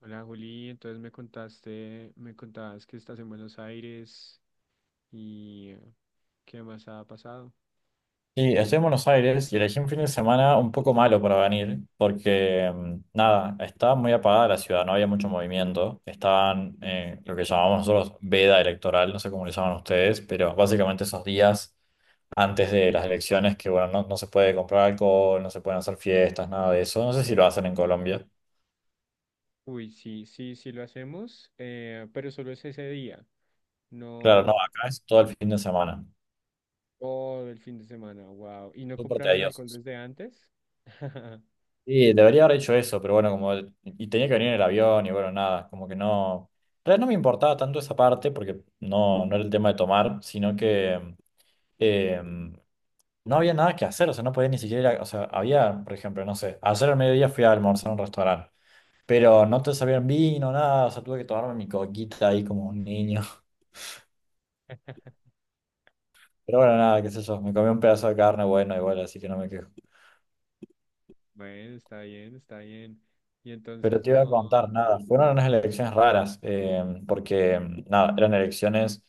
Hola Juli, entonces me contabas que estás en Buenos Aires y qué más ha pasado. Sí, estoy en Buenos Aires y elegí un fin de semana un poco malo para venir, porque nada, estaba muy apagada la ciudad, no había mucho movimiento, estaban lo que llamamos nosotros veda electoral, no sé cómo le llaman ustedes, pero básicamente esos días antes de las elecciones que bueno, no, no se puede comprar alcohol, no se pueden hacer fiestas, nada de eso, no sé si lo hacen en Colombia. Uy, sí, sí, sí lo hacemos, pero solo es ese día, Claro, no, no acá es todo el fin de semana, todo el fin de semana, wow. ¿Y no súper compraron tedioso. alcohol desde antes? Sí, debería haber hecho eso, pero bueno, y tenía que venir en el avión y bueno, nada, como que no, en realidad no me importaba tanto esa parte porque no, no era el tema de tomar, sino que eh, no había nada que hacer, o sea, no podía ni siquiera o sea, había, por ejemplo, no sé, ayer al mediodía fui a almorzar a un restaurante, pero no te sabían vino, nada, o sea, tuve que tomarme mi coquita ahí como un niño, pero bueno, nada, qué sé yo, me comí un pedazo de carne, bueno, igual, así que no me quejo. Bueno, está bien, está bien. Y Pero entonces te iba a no, contar, nada, fueron unas elecciones raras, porque nada, eran elecciones,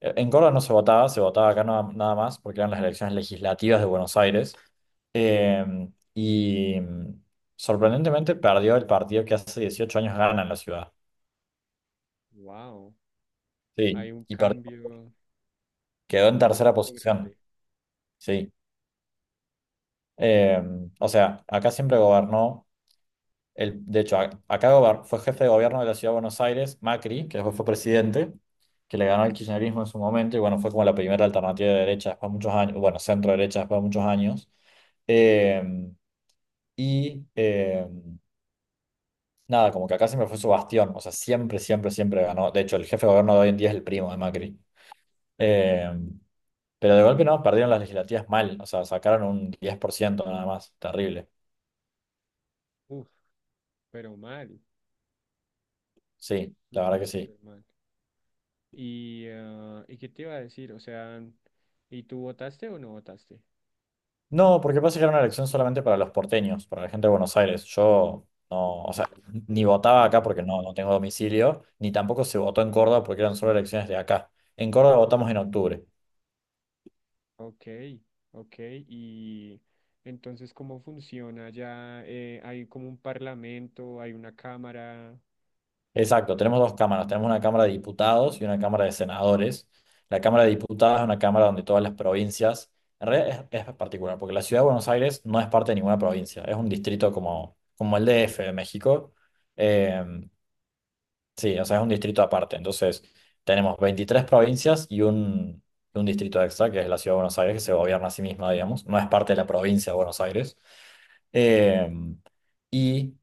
en Córdoba no se votaba, se votaba acá nada más, porque eran las elecciones legislativas de Buenos Aires, eh, y mm, sorprendentemente perdió el partido que hace 18 años gana en la ciudad, wow, sí, hay un y cambio quedó en tercera político grande. posición, sí. Eh, o sea, acá siempre gobernó. De hecho, acá fue jefe de gobierno de la ciudad de Buenos Aires, Macri, que después fue presidente, que le ganó el kirchnerismo en su momento, y bueno, fue como la primera alternativa de derecha después de muchos años, bueno, centro derecha después de muchos años. Eh, y eh, nada, como que acá siempre fue su bastión, o sea, siempre, siempre, siempre ganó. De hecho, el jefe de gobierno de hoy en día es el primo de Macri. Eh, pero de golpe no, perdieron las legislativas mal, o sea, sacaron un 10% nada más, terrible. Uf, pero mal, Sí, la verdad súper, que sí. súper mal. Y, ah, ¿y qué te iba a decir? O sea, ¿y tú votaste o no votaste? No, porque pasa que era una elección solamente para los porteños, para la gente de Buenos Aires. Yo no, o sea, ni votaba Ah, acá porque no, no tengo domicilio, ni tampoco se votó en Córdoba porque eran solo elecciones de acá. En Córdoba votamos en octubre. ok, ok. Y entonces, ¿cómo funciona ya? ¿Hay como un parlamento, hay una cámara? Exacto, tenemos dos cámaras, tenemos una Cámara de Diputados y una Cámara de Senadores. La Cámara de Diputados es una cámara donde todas las provincias, en realidad es particular, porque la ciudad de Buenos Aires no es parte de ninguna provincia, es un distrito como, como el DF de México. Em, Sí, o sea, es un distrito aparte. Entonces, tenemos 23 provincias y un distrito extra, que es la Ciudad de Buenos Aires, que se gobierna a sí misma, digamos. No es parte de la provincia de Buenos Aires. Eh, y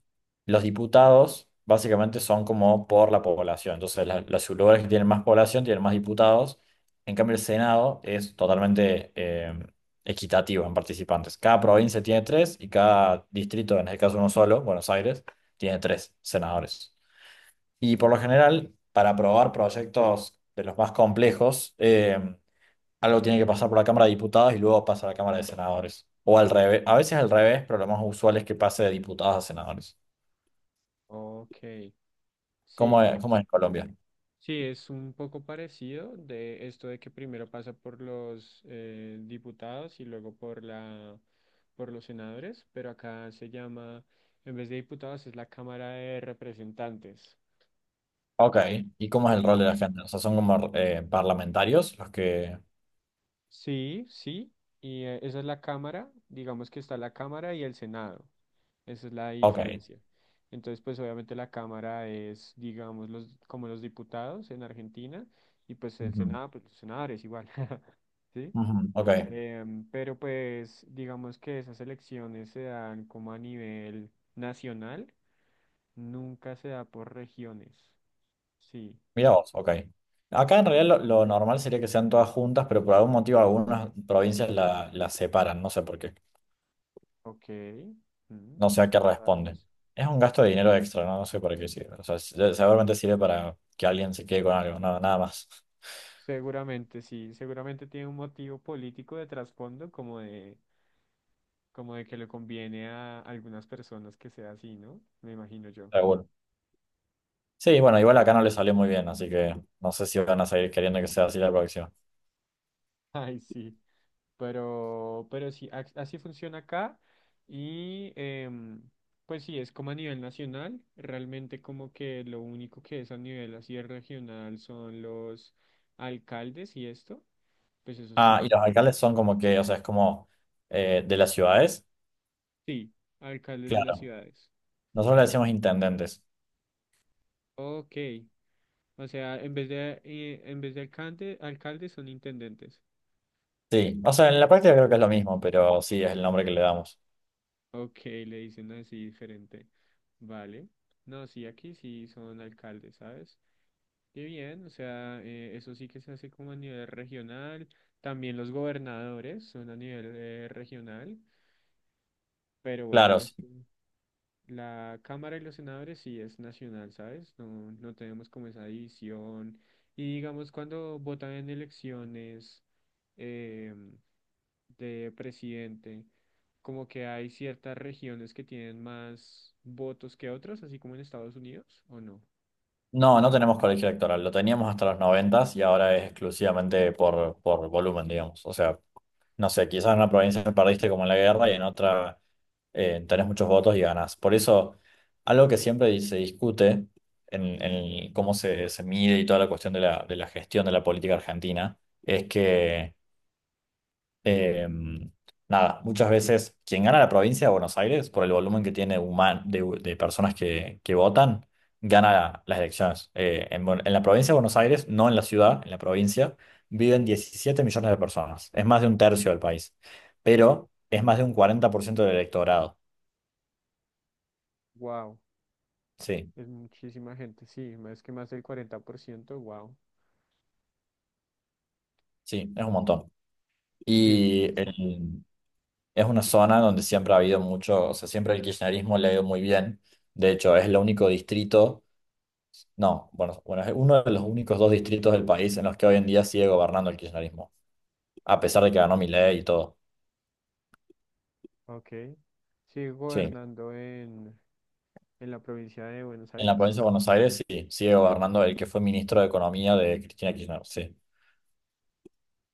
los diputados básicamente son como por la población. Entonces, los lugares que tienen más población tienen más diputados. En cambio, el Senado es totalmente equitativo en participantes. Cada provincia tiene tres y cada distrito, en este caso uno solo, Buenos Aires, tiene tres senadores. Y por lo general, para aprobar proyectos de los más complejos, algo tiene que pasar por la Cámara de Diputados y luego pasa a la Cámara de Senadores. O al revés, a veces al revés, pero lo más usual es que pase de diputados a senadores. Ok, sí, Cómo es en Colombia? sí, es un poco parecido de esto de que primero pasa por los diputados y luego por la, por los senadores, pero acá se llama, en vez de diputados, es la Cámara de Representantes. Ok. ¿Y cómo es el Sí, rol de la gente? O sea, son como parlamentarios los que... sí, sí, y esa es la Cámara, digamos que está la Cámara y el Senado, esa es la Ok. diferencia. Entonces, pues obviamente la Cámara es, digamos, los, como los diputados en Argentina, y pues el Ujú, Senado, pues los senadores igual, ¿sí? ujú, ok. Em, pero pues digamos que esas elecciones se dan como a nivel nacional, nunca se da por regiones, sí. Mira vos, ok. Acá en Bien. realidad lo normal sería que sean todas juntas, pero por algún motivo algunas provincias las separan, no sé por qué. Ok, mm, No sé a qué está raro responde. eso. Es un gasto de dinero extra, no, no sé para qué sirve. O sea, seguramente sirve para que alguien se quede con algo, nada, nada más. Seguramente, sí, seguramente tiene un motivo político de trasfondo, como de que le conviene a algunas personas que sea así, ¿no? Me imagino yo. Seguro. Sí, bueno, igual acá no le salió muy bien, así que no sé si van a seguir queriendo que sea así la próxima. Ay, sí. Pero sí, así funciona acá. Y em, pues sí, es como a nivel nacional. Realmente como que lo único que es a nivel así regional son los alcaldes y esto. Pues eso Ah, sí. y los alcaldes son como que, o sea, es como de las ciudades. Sí, alcaldes de las Claro. ciudades. Nosotros le decimos intendentes. Ok. O sea, en vez de alcalde, alcaldes son intendentes. Sí, o sea, en la práctica creo que es lo mismo, pero sí es el nombre que le damos. Ok, le dicen así diferente. Vale. No, sí, aquí sí son alcaldes, ¿sabes? Qué bien, o sea, eso sí que se hace como a nivel regional. También los gobernadores son a nivel regional. Pero Claro, bueno, esto- la Cámara y los senadores sí es nacional, ¿sabes? No, no tenemos como esa división. Y digamos, cuando votan en elecciones. Em, de presidente, como que hay ciertas regiones que tienen más votos que otras, así como en Estados Unidos, ¿o no? no, no tenemos colegio electoral, lo teníamos hasta los noventas y ahora es exclusivamente por volumen, digamos. O sea, no sé, quizás en una provincia perdiste como en la guerra y en otra tenés muchos votos y ganás. Por eso, algo que siempre se discute en cómo se mide y toda la cuestión de la gestión de la política argentina es que eh, nada, muchas veces quien gana la provincia de Buenos Aires, por el volumen que tiene de personas que votan, gana las elecciones. En la provincia de Buenos Aires, no en la ciudad, en la provincia, viven 17 millones de personas. Es más de un tercio del país, pero es más de un 40% del electorado. Wow, Sí, es muchísima gente, sí, más que más del 40% wow, sí, es un montón. sí, es Y mucho. Es una zona donde siempre ha habido mucho, o sea, siempre el kirchnerismo le ha ido muy bien. De hecho, es el único distrito. No, bueno, bueno, es uno de los únicos dos distritos del país en los que hoy en día sigue gobernando el kirchnerismo, a pesar de que ganó Milei y todo. Ok, sigue Sí, en gobernando en la provincia de Buenos la Aires. provincia de Buenos Aires sí, sigue gobernando el que fue ministro de Economía de Cristina Kirchner, sí.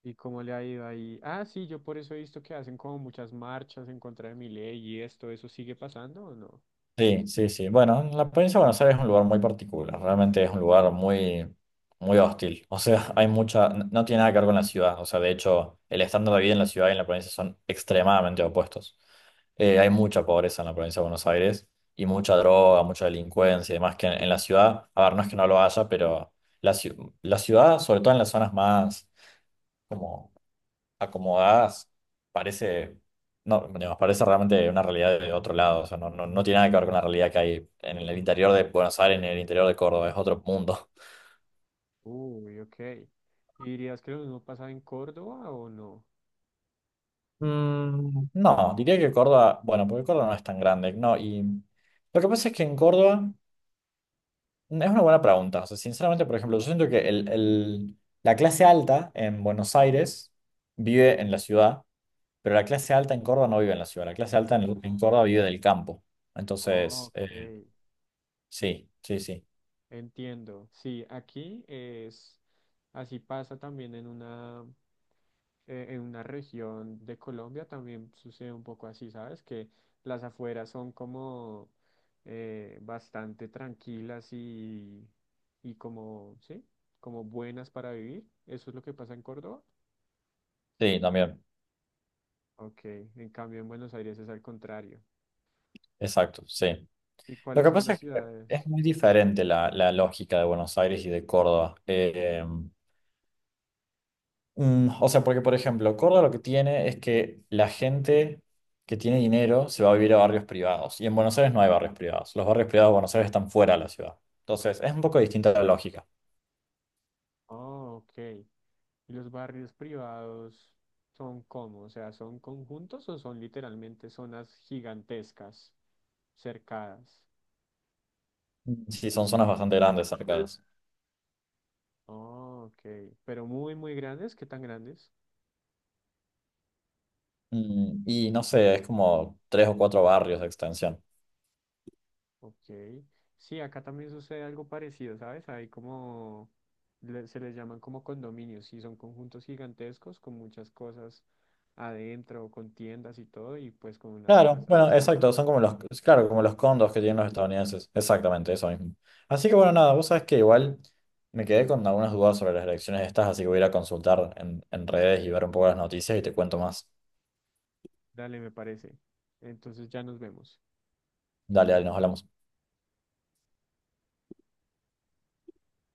¿Y cómo le ha ido ahí? Ah, sí, yo por eso he visto que hacen como muchas marchas en contra de mi ley y esto, ¿eso sigue pasando o no? Sí, sí, sí. Bueno, la provincia de Buenos Aires es un lugar muy particular, realmente es un lugar muy, muy hostil. O sea, hay no tiene nada que ver con la ciudad. O sea, de hecho, el estándar de vida en la ciudad y en la provincia son extremadamente opuestos. Hay mucha pobreza en la provincia de Buenos Aires y mucha droga, mucha delincuencia y demás que en la ciudad, a ver, no es que no lo haya, pero la ciudad, sobre todo en las zonas más como acomodadas, parece, no, digamos, parece realmente una realidad de otro lado. O sea, no, no, no tiene nada que ver con la realidad que hay en el interior de Buenos Aires, en el interior de Córdoba, es otro mundo. Uy, ok. ¿Y dirías que lo mismo pasa en Córdoba o no? No, diría que Córdoba, bueno, porque Córdoba no es tan grande, no, y lo que pasa es que en Córdoba. Es una buena pregunta. O sea, sinceramente, por ejemplo, yo siento que la clase alta en Buenos Aires vive en la ciudad, pero la clase alta en Córdoba no vive en la ciudad, la clase alta en Córdoba vive del campo. Entonces, Ok, sí, sí, sí, entiendo. Sí, aquí es, así pasa también en una región de Colombia, también sucede un poco así, ¿sabes? Que las afueras son como bastante tranquilas y como, ¿sí? Como buenas para vivir. ¿Eso es lo que pasa en Córdoba? sí, también, Ok, en cambio en Buenos Aires es al contrario. exacto, sí. ¿Y Lo cuáles que son pasa las es que es ciudades? muy diferente la lógica de Buenos Aires y de Córdoba. O sea, porque por ejemplo, Córdoba lo que tiene es que la gente que tiene dinero se va a vivir a barrios privados y en Buenos Aires no hay barrios privados. Los barrios privados de Buenos Aires están fuera de la ciudad. Entonces, es un poco distinta la lógica. Oh, ok. ¿Y los barrios privados son cómo? O sea, ¿son conjuntos o son literalmente zonas gigantescas, cercadas? Sí, son zonas bastante grandes, cercanas. Oh, ok. Pero muy, muy grandes. ¿Qué tan grandes? Y no sé, es como tres o cuatro barrios de extensión. Ok. Sí, acá también sucede algo parecido, ¿sabes? Hay como, se les llaman como condominios, y son conjuntos gigantescos con muchas cosas adentro, con tiendas y todo, y pues con unas Claro, casas. bueno, exacto, son como los, claro, como los condos que tienen los estadounidenses, exactamente, eso mismo. Así que bueno, nada, vos sabés que igual me quedé con algunas dudas sobre las elecciones estas, así que voy a ir a consultar en redes y ver un poco las noticias y te cuento más. Dale, me parece. Entonces ya nos vemos. Dale, dale, nos hablamos.